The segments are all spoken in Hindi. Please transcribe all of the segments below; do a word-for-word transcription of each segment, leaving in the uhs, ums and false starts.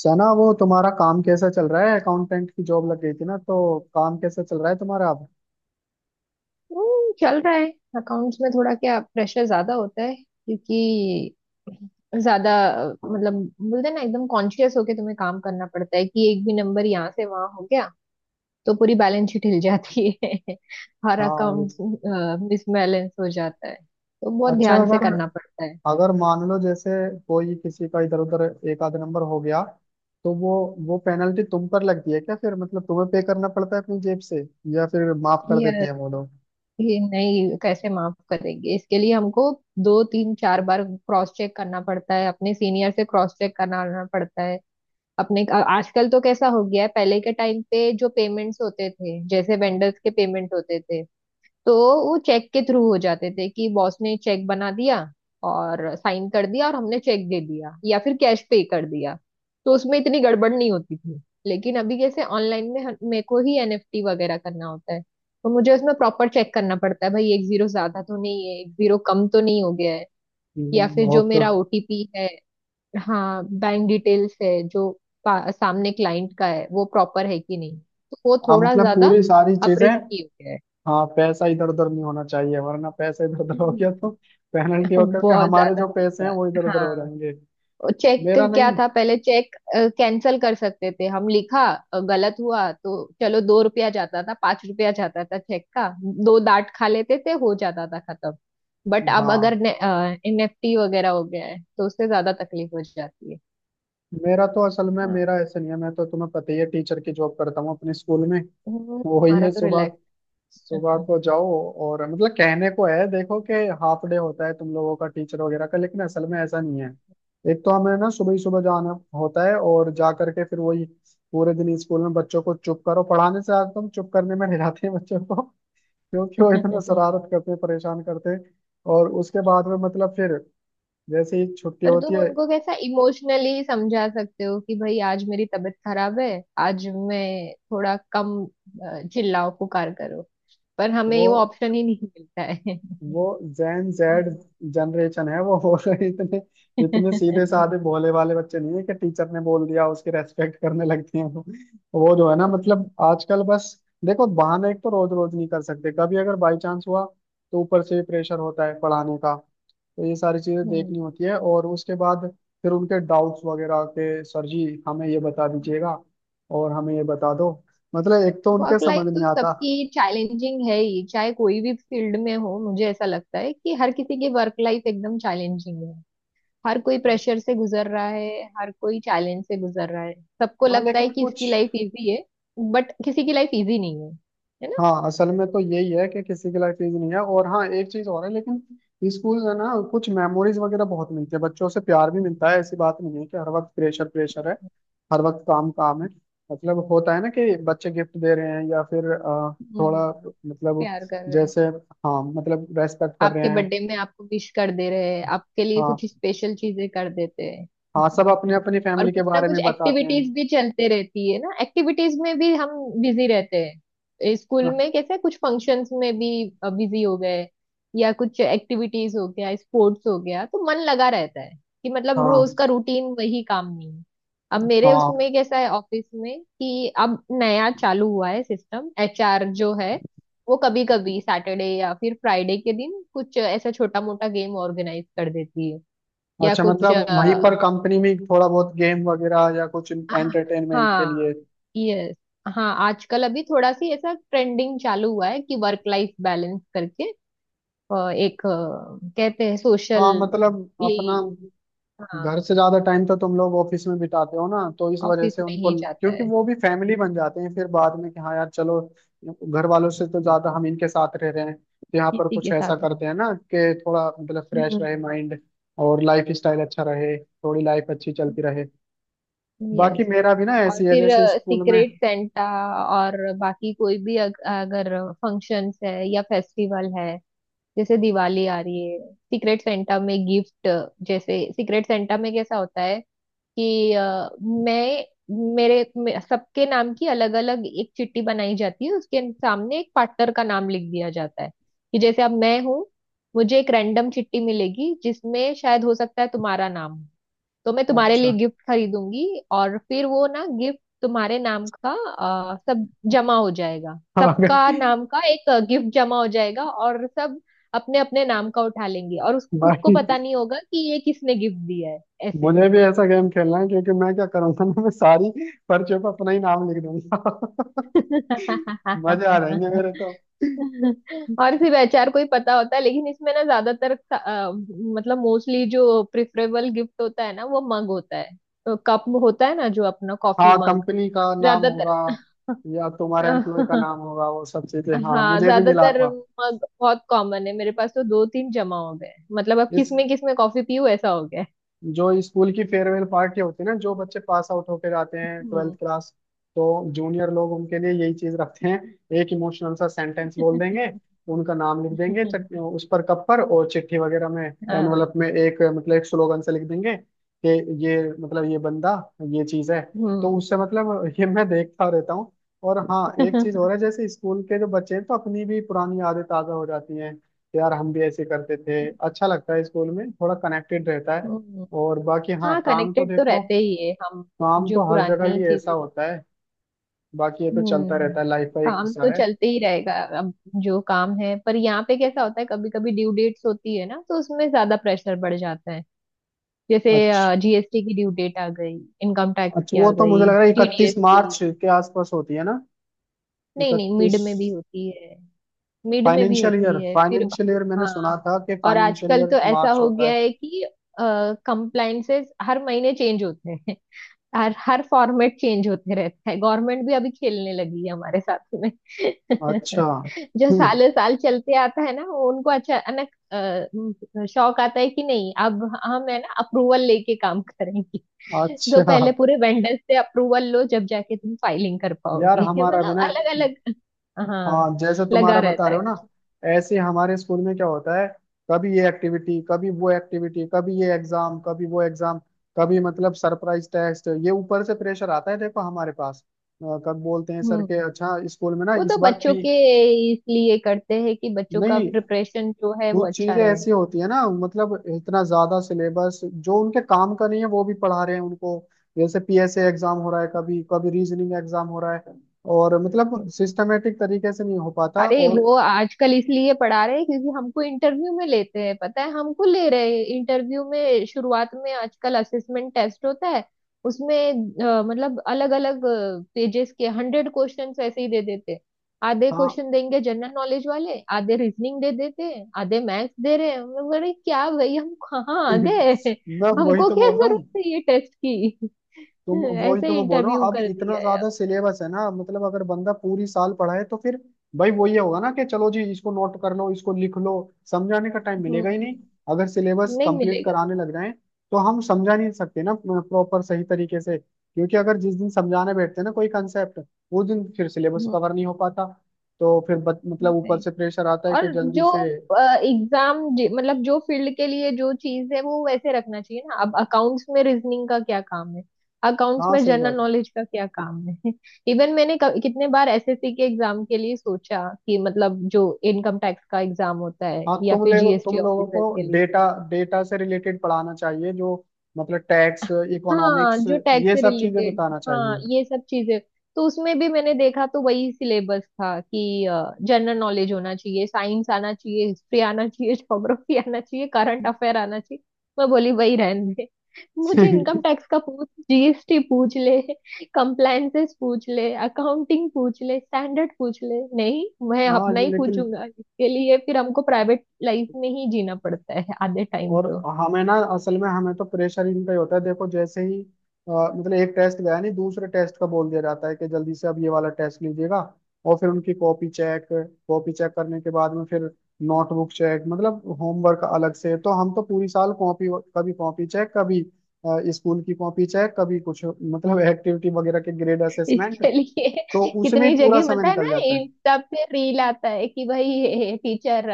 सना, वो तुम्हारा काम कैसा चल रहा है? अकाउंटेंट की जॉब लग गई थी ना, तो काम कैसा चल रहा है तुम्हारा अब? हम्म, चल रहा है। अकाउंट्स में थोड़ा क्या प्रेशर ज्यादा होता है, क्योंकि ज्यादा अ, मतलब बोलते हैं ना, एकदम कॉन्शियस होके तुम्हें काम करना पड़ता है कि एक भी नंबर यहाँ से वहां हो गया तो पूरी बैलेंस शीट हिल जाती है। हर हाँ ये। अकाउंट मिसबैलेंस हो जाता है, तो बहुत अच्छा, ध्यान से अगर करना पड़ता है। अगर मान लो जैसे कोई किसी का इधर उधर एक आध नंबर हो गया तो वो वो पेनल्टी तुम पर लगती है क्या? फिर मतलब तुम्हें पे करना पड़ता है अपनी जेब से, या फिर माफ कर ये देते हैं वो लोग? ये नहीं, कैसे माफ करेंगे इसके लिए हमको। दो तीन चार बार क्रॉस चेक करना पड़ता है, अपने सीनियर से क्रॉस चेक कराना पड़ता है। अपने अ- आजकल तो कैसा हो गया है, पहले के टाइम पे जो पेमेंट्स होते थे, जैसे वेंडर्स के पेमेंट होते थे, तो वो चेक के थ्रू हो जाते थे कि बॉस ने चेक बना दिया और साइन कर दिया और हमने चेक दे दिया या फिर कैश पे कर दिया, तो उसमें इतनी गड़बड़ नहीं होती थी। लेकिन अभी जैसे ऑनलाइन में हम- मेरे को ही एनएफटी वगैरह करना होता है, तो मुझे उसमें प्रॉपर चेक करना पड़ता है, भाई एक जीरो ज्यादा तो नहीं है, एक जीरो कम तो नहीं हो गया है, या हम्म, फिर जो बहुत। मेरा ओटीपी है, हाँ बैंक डिटेल्स है जो पा- सामने क्लाइंट का है वो प्रॉपर है कि नहीं, तो वो हाँ थोड़ा मतलब ज्यादा पूरी सारी अब चीजें। रिस्की हो गया है। हाँ, पैसा इधर उधर नहीं होना चाहिए, वरना पैसा इधर उधर हो गया तो हम्म। पेनल्टी होकर के बहुत हमारे ज्यादा जो पैसे हैं वो नुकसान, इधर उधर हो हाँ। जाएंगे। चेक मेरा क्या नहीं। था, पहले चेक कैंसल कर सकते थे हम, लिखा अ, गलत हुआ तो चलो, दो रुपया जाता था, पांच रुपया जाता था चेक का, दो डांट खा लेते थे, हो जाता था खत्म। बट अब अगर हाँ, एनएफटी वगैरह हो गया है तो उससे ज्यादा तकलीफ हो जाती है। मेरा तो असल में हाँ। मेरा ऐसे नहीं है। मैं तो, तुम्हें पता ही है, टीचर की जॉब करता हूँ अपने स्कूल में। हम्म, वो वही तुम्हारा है, तो सुबह रिलैक्स। सुबह को जाओ। और मतलब कहने को है, देखो कि हाफ डे होता है तुम लोगों का, टीचर वगैरह का, लेकिन असल में ऐसा नहीं है। एक तो हमें ना सुबह ही सुबह जाना होता है, और जा करके फिर वही पूरे दिन स्कूल में बच्चों को चुप करो। पढ़ाने से आज तुम चुप करने में हिलाते हैं बच्चों को क्योंकि वो इतना शरारत करते हैं, परेशान करते हैं। और उसके बाद में मतलब फिर जैसे ही छुट्टी पर होती तुम है। उनको कैसा इमोशनली समझा सकते हो कि भाई आज मेरी तबीयत खराब है, आज मैं थोड़ा कम अ, चिल्लाओ पुकार करो। पर हमें वो वो ऑप्शन ही नहीं मिलता है। वो जेन जेड जनरेशन है, वो हो रहे, इतने इतने सीधे साधे भोले वाले बच्चे नहीं है कि टीचर ने बोल दिया उसकी रेस्पेक्ट करने लगते हैं। वो वो जो है ना, मतलब आजकल बस, देखो बहाना एक तो रोज रोज नहीं कर सकते। कभी अगर बाई चांस हुआ तो ऊपर से भी प्रेशर होता है पढ़ाने का। तो ये सारी चीजें देखनी होती है, और उसके बाद फिर उनके डाउट्स वगैरह के, सर जी हमें ये बता दीजिएगा, और हमें ये बता दो। मतलब एक तो उनके वर्क लाइफ समझ नहीं तो आता। सबकी चैलेंजिंग है ही, चाहे कोई भी फील्ड में हो। मुझे ऐसा लगता है कि हर किसी की वर्क लाइफ एकदम चैलेंजिंग है, हर कोई प्रेशर से गुजर रहा है, हर कोई चैलेंज से गुजर रहा है। सबको हाँ, लगता है लेकिन कि इसकी कुछ। लाइफ इजी है, बट किसी की लाइफ इजी नहीं है, है ना। हाँ असल में तो यही है कि किसी की लाइफ इजी नहीं है। और हाँ एक चीज और है, लेकिन स्कूल है ना, कुछ मेमोरीज वगैरह बहुत मिलती है, बच्चों से प्यार भी मिलता है। ऐसी बात नहीं है कि हर वक्त प्रेशर प्रेशर है, हर वक्त काम काम है। मतलब होता है ना कि बच्चे गिफ्ट दे रहे हैं या फिर अ, हम्म, थोड़ा मतलब, प्यार कर रहे हैं, जैसे हाँ मतलब रेस्पेक्ट कर रहे आपके हैं। बर्थडे में आपको विश कर दे रहे हैं, आपके लिए कुछ हाँ। स्पेशल चीजें कर देते हैं। हाँ सब अपने अपनी और फैमिली के कुछ ना बारे कुछ में बताते हैं। एक्टिविटीज भी चलते रहती है ना, एक्टिविटीज में भी हम बिजी रहते हैं स्कूल हाँ में, कैसे कुछ फंक्शंस में भी बिजी हो गए, या कुछ एक्टिविटीज हो गया, स्पोर्ट्स हो गया, तो मन लगा रहता है कि मतलब हाँ, रोज का रूटीन वही काम नहीं है। अब मेरे हाँ। उसमें कैसा है ऑफिस में कि अब नया चालू हुआ है सिस्टम, एचआर जो है वो कभी कभी सैटरडे या फिर फ्राइडे के दिन कुछ ऐसा छोटा मोटा गेम ऑर्गेनाइज कर देती है, या अच्छा, कुछ। मतलब वहीं पर कंपनी में थोड़ा बहुत गेम वगैरह या कुछ हाँ। एंटरटेनमेंट के लिए? हाँ। यस। हाँ, आजकल अभी थोड़ा सी ऐसा ट्रेंडिंग चालू हुआ है कि वर्क लाइफ बैलेंस करके अ, एक अ, कहते हैं सोशल, हाँ मतलब ये। अपना, हाँ, घर से ज्यादा टाइम तो तुम लोग ऑफिस में बिताते हो ना, तो इस वजह ऑफिस से में उनको, ही जाता क्योंकि है, वो भी फैमिली बन जाते हैं फिर बाद में। कि हाँ यार चलो, घर वालों से तो ज्यादा हम इनके साथ रह रहे हैं, तो यहाँ पर किसी कुछ के ऐसा साथ। करते हैं ना कि थोड़ा मतलब फ्रेश हम्म। रहे माइंड, और लाइफ स्टाइल अच्छा रहे, थोड़ी लाइफ अच्छी चलती रहे। बाकी यस। मेरा भी ना और ऐसी है फिर जैसे स्कूल में। सीक्रेट सेंटा और बाकी कोई भी अग, अगर फंक्शंस है या फेस्टिवल है, जैसे दिवाली आ रही है, सीक्रेट सेंटा में गिफ्ट। जैसे सीक्रेट सेंटा में कैसा होता है कि अ, मैं मेरे मे, सबके नाम की अलग अलग एक चिट्ठी बनाई जाती है, उसके सामने एक पार्टनर का नाम लिख दिया जाता है। कि जैसे अब मैं हूँ, मुझे एक रैंडम चिट्ठी मिलेगी जिसमें शायद हो सकता है तुम्हारा नाम हो, तो मैं तुम्हारे अच्छा। लिए गिफ्ट खरीदूंगी और फिर वो ना गिफ्ट तुम्हारे नाम का अ, सब जमा हो जाएगा। हाँ सबका नाम का एक गिफ्ट जमा हो जाएगा, और सब अपने अपने नाम का उठा लेंगे, और उस खुद को भाई, पता नहीं होगा कि ये किसने गिफ्ट दिया है, ऐसे। मुझे भी ऐसा गेम खेलना है, क्योंकि मैं क्या करूंगा ना, मैं सारी पर्चियों पर अपना ही नाम लिख दूंगा। मजे आ जाएंगे मेरे तो। और सिर्फ एचआर को ही पता होता है, लेकिन इसमें ना ज्यादातर अ, मतलब मोस्टली जो प्रिफरेबल गिफ्ट होता है ना, वो मग होता है, तो कप होता है ना, जो अपना कॉफी हाँ मग। कंपनी का नाम होगा ज्यादातर। या तुम्हारे एम्प्लॉय का नाम होगा, वो सब चीजें, हाँ हाँ, मुझे भी मिला ज्यादातर था। मग बहुत कॉमन है, मेरे पास तो दो तीन जमा हो गए, मतलब अब इस किस में किस में कॉफी पीऊँ ऐसा हो गया है। जो स्कूल की फेयरवेल पार्टी होती है ना, जो बच्चे पास आउट होकर जाते हैं ट्वेल्थ हम्म। क्लास, तो जूनियर लोग उनके लिए यही चीज रखते हैं। एक इमोशनल सा सेंटेंस बोल देंगे, उनका नाम लिख देंगे चट- उस पर, कप पर, और चिट्ठी वगैरह में, हाँ। एनवलप में, एक मतलब एक स्लोगन से लिख देंगे कि ये, मतलब ये बंदा ये चीज है। हम्म। तो उससे मतलब ये मैं देखता रहता हूँ। और हाँ एक चीज और है, जैसे स्कूल के जो बच्चे हैं तो अपनी भी पुरानी यादें ताजा हो जाती हैं कि यार हम भी ऐसे करते थे। अच्छा लगता है, स्कूल में थोड़ा कनेक्टेड रहता है। हम्म। और बाकी हाँ हाँ काम तो कनेक्टेड तो देखो, रहते ही है हम, काम जो तो हर जगह पुरानी ही ऐसा चीजें। होता है। बाकी ये तो चलता रहता है, हम्म, लाइफ का एक काम तो हिस्सा है। चलते ही रहेगा। अब जो काम है, पर यहाँ पे कैसा होता है कभी कभी ड्यू डेट्स होती है ना, तो उसमें ज्यादा प्रेशर बढ़ जाता है, जैसे अच्छा। जीएसटी की ड्यू डेट आ गई, इनकम टैक्स अच्छा की वो आ तो मुझे गई, लग रहा है टीडीएस इकतीस मार्च की। के आसपास होती है ना? नहीं नहीं, मिड इकतीस। में भी होती है, मिड में भी फाइनेंशियल ईयर, होती है फिर। फाइनेंशियल ईयर मैंने हाँ। सुना था कि और फाइनेंशियल आजकल तो ईयर ऐसा मार्च हो होता गया है। है कि कंप्लाइंसेस हर महीने चेंज होते हैं, हर हर फॉर्मेट चेंज होते रहता है, गवर्नमेंट भी अभी खेलने लगी है हमारे साथ में। अच्छा। जो हम्म। सालों साल चलते आता है ना, वो उनको अचानक अ, शौक आता है कि नहीं अब हम है ना अप्रूवल लेके काम करेंगे। तो अच्छा। पहले पूरे वेंडर से अप्रूवल लो जब जाके तुम फाइलिंग कर यार पाओगे। हमारा भी मतलब ना, अलग अलग। हाँ। हाँ जैसे लगा तुम्हारा बता रहता रहे है हो ना, कुछ। ऐसे हमारे स्कूल में क्या होता है, कभी ये एक्टिविटी कभी वो एक्टिविटी, कभी ये एग्जाम कभी वो एग्जाम, कभी मतलब सरप्राइज टेस्ट, ये ऊपर से प्रेशर आता है। देखो हमारे पास, अ, कब बोलते हैं सर के, हम्म। अच्छा स्कूल में ना वो इस तो बार बच्चों पी। के इसलिए करते हैं कि बच्चों का नहीं, प्रिपरेशन जो है वो कुछ अच्छा चीजें रहे। ऐसी होती है ना मतलब इतना ज्यादा सिलेबस जो उनके काम का नहीं है वो भी पढ़ा रहे हैं उनको। जैसे पीएसए एग्जाम हो रहा है, कभी कभी रीजनिंग एग्जाम हो रहा है। और मतलब सिस्टमेटिक तरीके से नहीं हो पाता। अरे और वो आजकल इसलिए पढ़ा रहे हैं क्योंकि हमको इंटरव्यू में लेते हैं, पता है हमको ले रहे हैं इंटरव्यू में, शुरुआत में आजकल असेसमेंट टेस्ट होता है, उसमें अ, मतलब अलग अलग पेजेस के हंड्रेड क्वेश्चन ऐसे ही दे देते हैं। आधे हाँ क्वेश्चन देंगे जनरल नॉलेज वाले, आधे रीजनिंग दे देते हैं, आधे मैथ्स दे रहे हैं, हम बोले, क्या भाई हम कहाँ आ गए। मैं वही हमको तो क्या बोल रहा हूँ। जरूरत है ये टेस्ट की। तुम वही तो, ऐसे मैं बोल रहा हूँ इंटरव्यू अब कर इतना दिया है अब। ज्यादा सिलेबस है ना। मतलब अगर बंदा पूरी साल पढ़ाए तो फिर भाई वो ये होगा ना कि चलो जी इसको नोट कर लो, इसको लिख लो, समझाने का टाइम मिलेगा हम्म। ही नहीं। अगर सिलेबस नहीं कंप्लीट मिलेगा। कराने लग जाए तो हम समझा नहीं सकते ना प्रॉपर सही तरीके से, क्योंकि अगर जिस दिन समझाने बैठते हैं ना कोई कंसेप्ट, वो दिन फिर सिलेबस कवर नहीं हो पाता। तो फिर बत, मतलब ऊपर हम्म। से प्रेशर आता है और कि जल्दी जो से। एग्जाम, मतलब जो फील्ड के लिए जो चीज है वो वैसे रखना चाहिए ना। अब अकाउंट्स में रीजनिंग का क्या काम है, अकाउंट्स हाँ में सही जनरल बात। नॉलेज का क्या काम है। इवन मैंने क- कितने बार एसएससी के एग्जाम के लिए सोचा कि मतलब जो इनकम टैक्स का एग्जाम होता है, हाँ या तुम फिर लोग तुम जीएसटी लोगों को ऑफिसर के लिए। डेटा, डेटा से रिलेटेड पढ़ाना चाहिए, जो मतलब टैक्स, हाँ इकोनॉमिक्स, जो टैग ये से सब चीजें रिलेटेड। बताना हाँ चाहिए। ये सब चीजें, तो उसमें भी मैंने देखा तो वही सिलेबस था कि जनरल नॉलेज होना चाहिए, साइंस आना चाहिए, हिस्ट्री आना चाहिए, ज्योग्राफी आना चाहिए, करंट अफेयर आना चाहिए। मैं बोली वही रहने दे। मुझे इनकम टैक्स का पूछ, जीएसटी पूछ ले, कंप्लायंसेस पूछ ले, अकाउंटिंग पूछ ले, स्टैंडर्ड पूछ ले। नहीं, मैं हाँ अपना ये- ही लेकिन, पूछूंगा। इसके लिए फिर हमको प्राइवेट लाइफ में ही जीना पड़ता है आधे टाइम और तो, हमें ना असल में हमें तो प्रेशर इनका ही होता है। देखो जैसे ही अ, मतलब एक टेस्ट गया नहीं, दूसरे टेस्ट का बोल दिया जाता है कि जल्दी से अब ये वाला टेस्ट लीजिएगा। और फिर उनकी कॉपी चेक, कॉपी चेक करने के बाद में फिर नोटबुक चेक, मतलब होमवर्क अलग से। तो हम तो पूरी साल कॉपी, कभी कॉपी चेक, कभी अ, स्कूल की कॉपी चेक, कभी कुछ मतलब एक्टिविटी वगैरह के ग्रेड असेसमेंट, इसके लिए। तो उसमें कितनी ही पूरा जगह समय पता है ना निकल जाता है। इंस्टा पे रील आता है कि भाई टीचर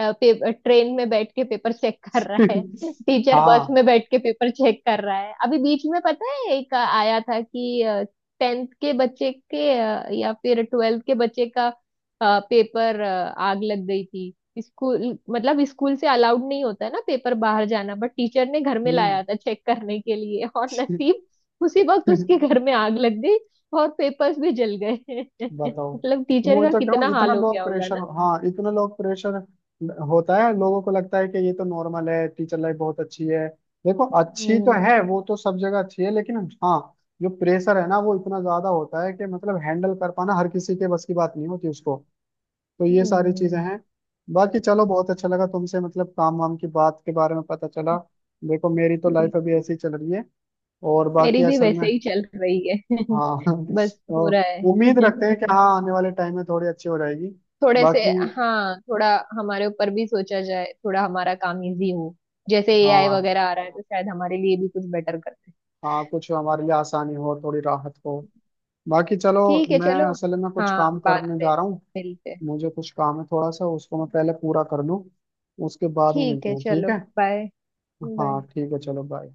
ट्रेन में बैठ के पेपर चेक कर रहा है, टीचर बस हाँ। में बैठ के पेपर चेक कर रहा है, अभी बीच में पता है एक आया था कि टेंथ के बच्चे के अ, या फिर ट्वेल्थ के बच्चे का अ, पेपर अ, आग लग गई थी। स्कूल, मतलब स्कूल से अलाउड नहीं होता है ना पेपर बाहर जाना, बट टीचर ने घर में हम्म। लाया था चेक करने के लिए, और नसीब उसी वक्त उसके घर में आग लग गई, और पेपर्स भी जल गए। बताओ, मतलब तो मैं टीचर वही का तो कह रहा हूँ कितना इतना हाल हो लोग गया होगा प्रेशर, ना। हाँ इतना लोग प्रेशर होता है। लोगों को लगता है कि ये तो नॉर्मल है, टीचर लाइफ बहुत अच्छी है। देखो अच्छी तो हम्म। है, वो तो सब जगह अच्छी है, लेकिन हाँ जो प्रेशर है ना वो इतना ज्यादा होता है कि मतलब हैंडल कर पाना हर किसी के बस की बात नहीं होती उसको। तो ये सारी चीजें हम्म, हैं। बाकी चलो, बहुत अच्छा लगा तुमसे मतलब काम वाम की बात के बारे में पता चला। देखो मेरी तो ठीक। लाइफ अभी ऐसी चल रही है, और मेरी बाकी भी असल वैसे में। ही चल रही है। हाँ बस हो तो रहा है। उम्मीद रखते हैं कि हाँ आने वाले टाइम में थोड़ी अच्छी हो जाएगी। थोड़े से। बाकी हाँ, थोड़ा हमारे ऊपर भी सोचा जाए, थोड़ा हमारा काम इजी हो, जैसे एआई हाँ, वगैरह आ रहा है तो शायद हमारे लिए भी कुछ बेटर करते हैं। हाँ कुछ हमारे लिए आसानी हो, थोड़ी राहत हो। बाकी चलो, ठीक है, मैं चलो। असल में कुछ हाँ, काम बाद करने में जा रहा हूँ। मिलते हैं। मुझे कुछ काम है थोड़ा सा, उसको मैं पहले पूरा कर लूँ, उसके बाद में ठीक मिलते है, हैं, ठीक चलो। है? बाय। हाँ बाय। ठीक है, चलो बाय।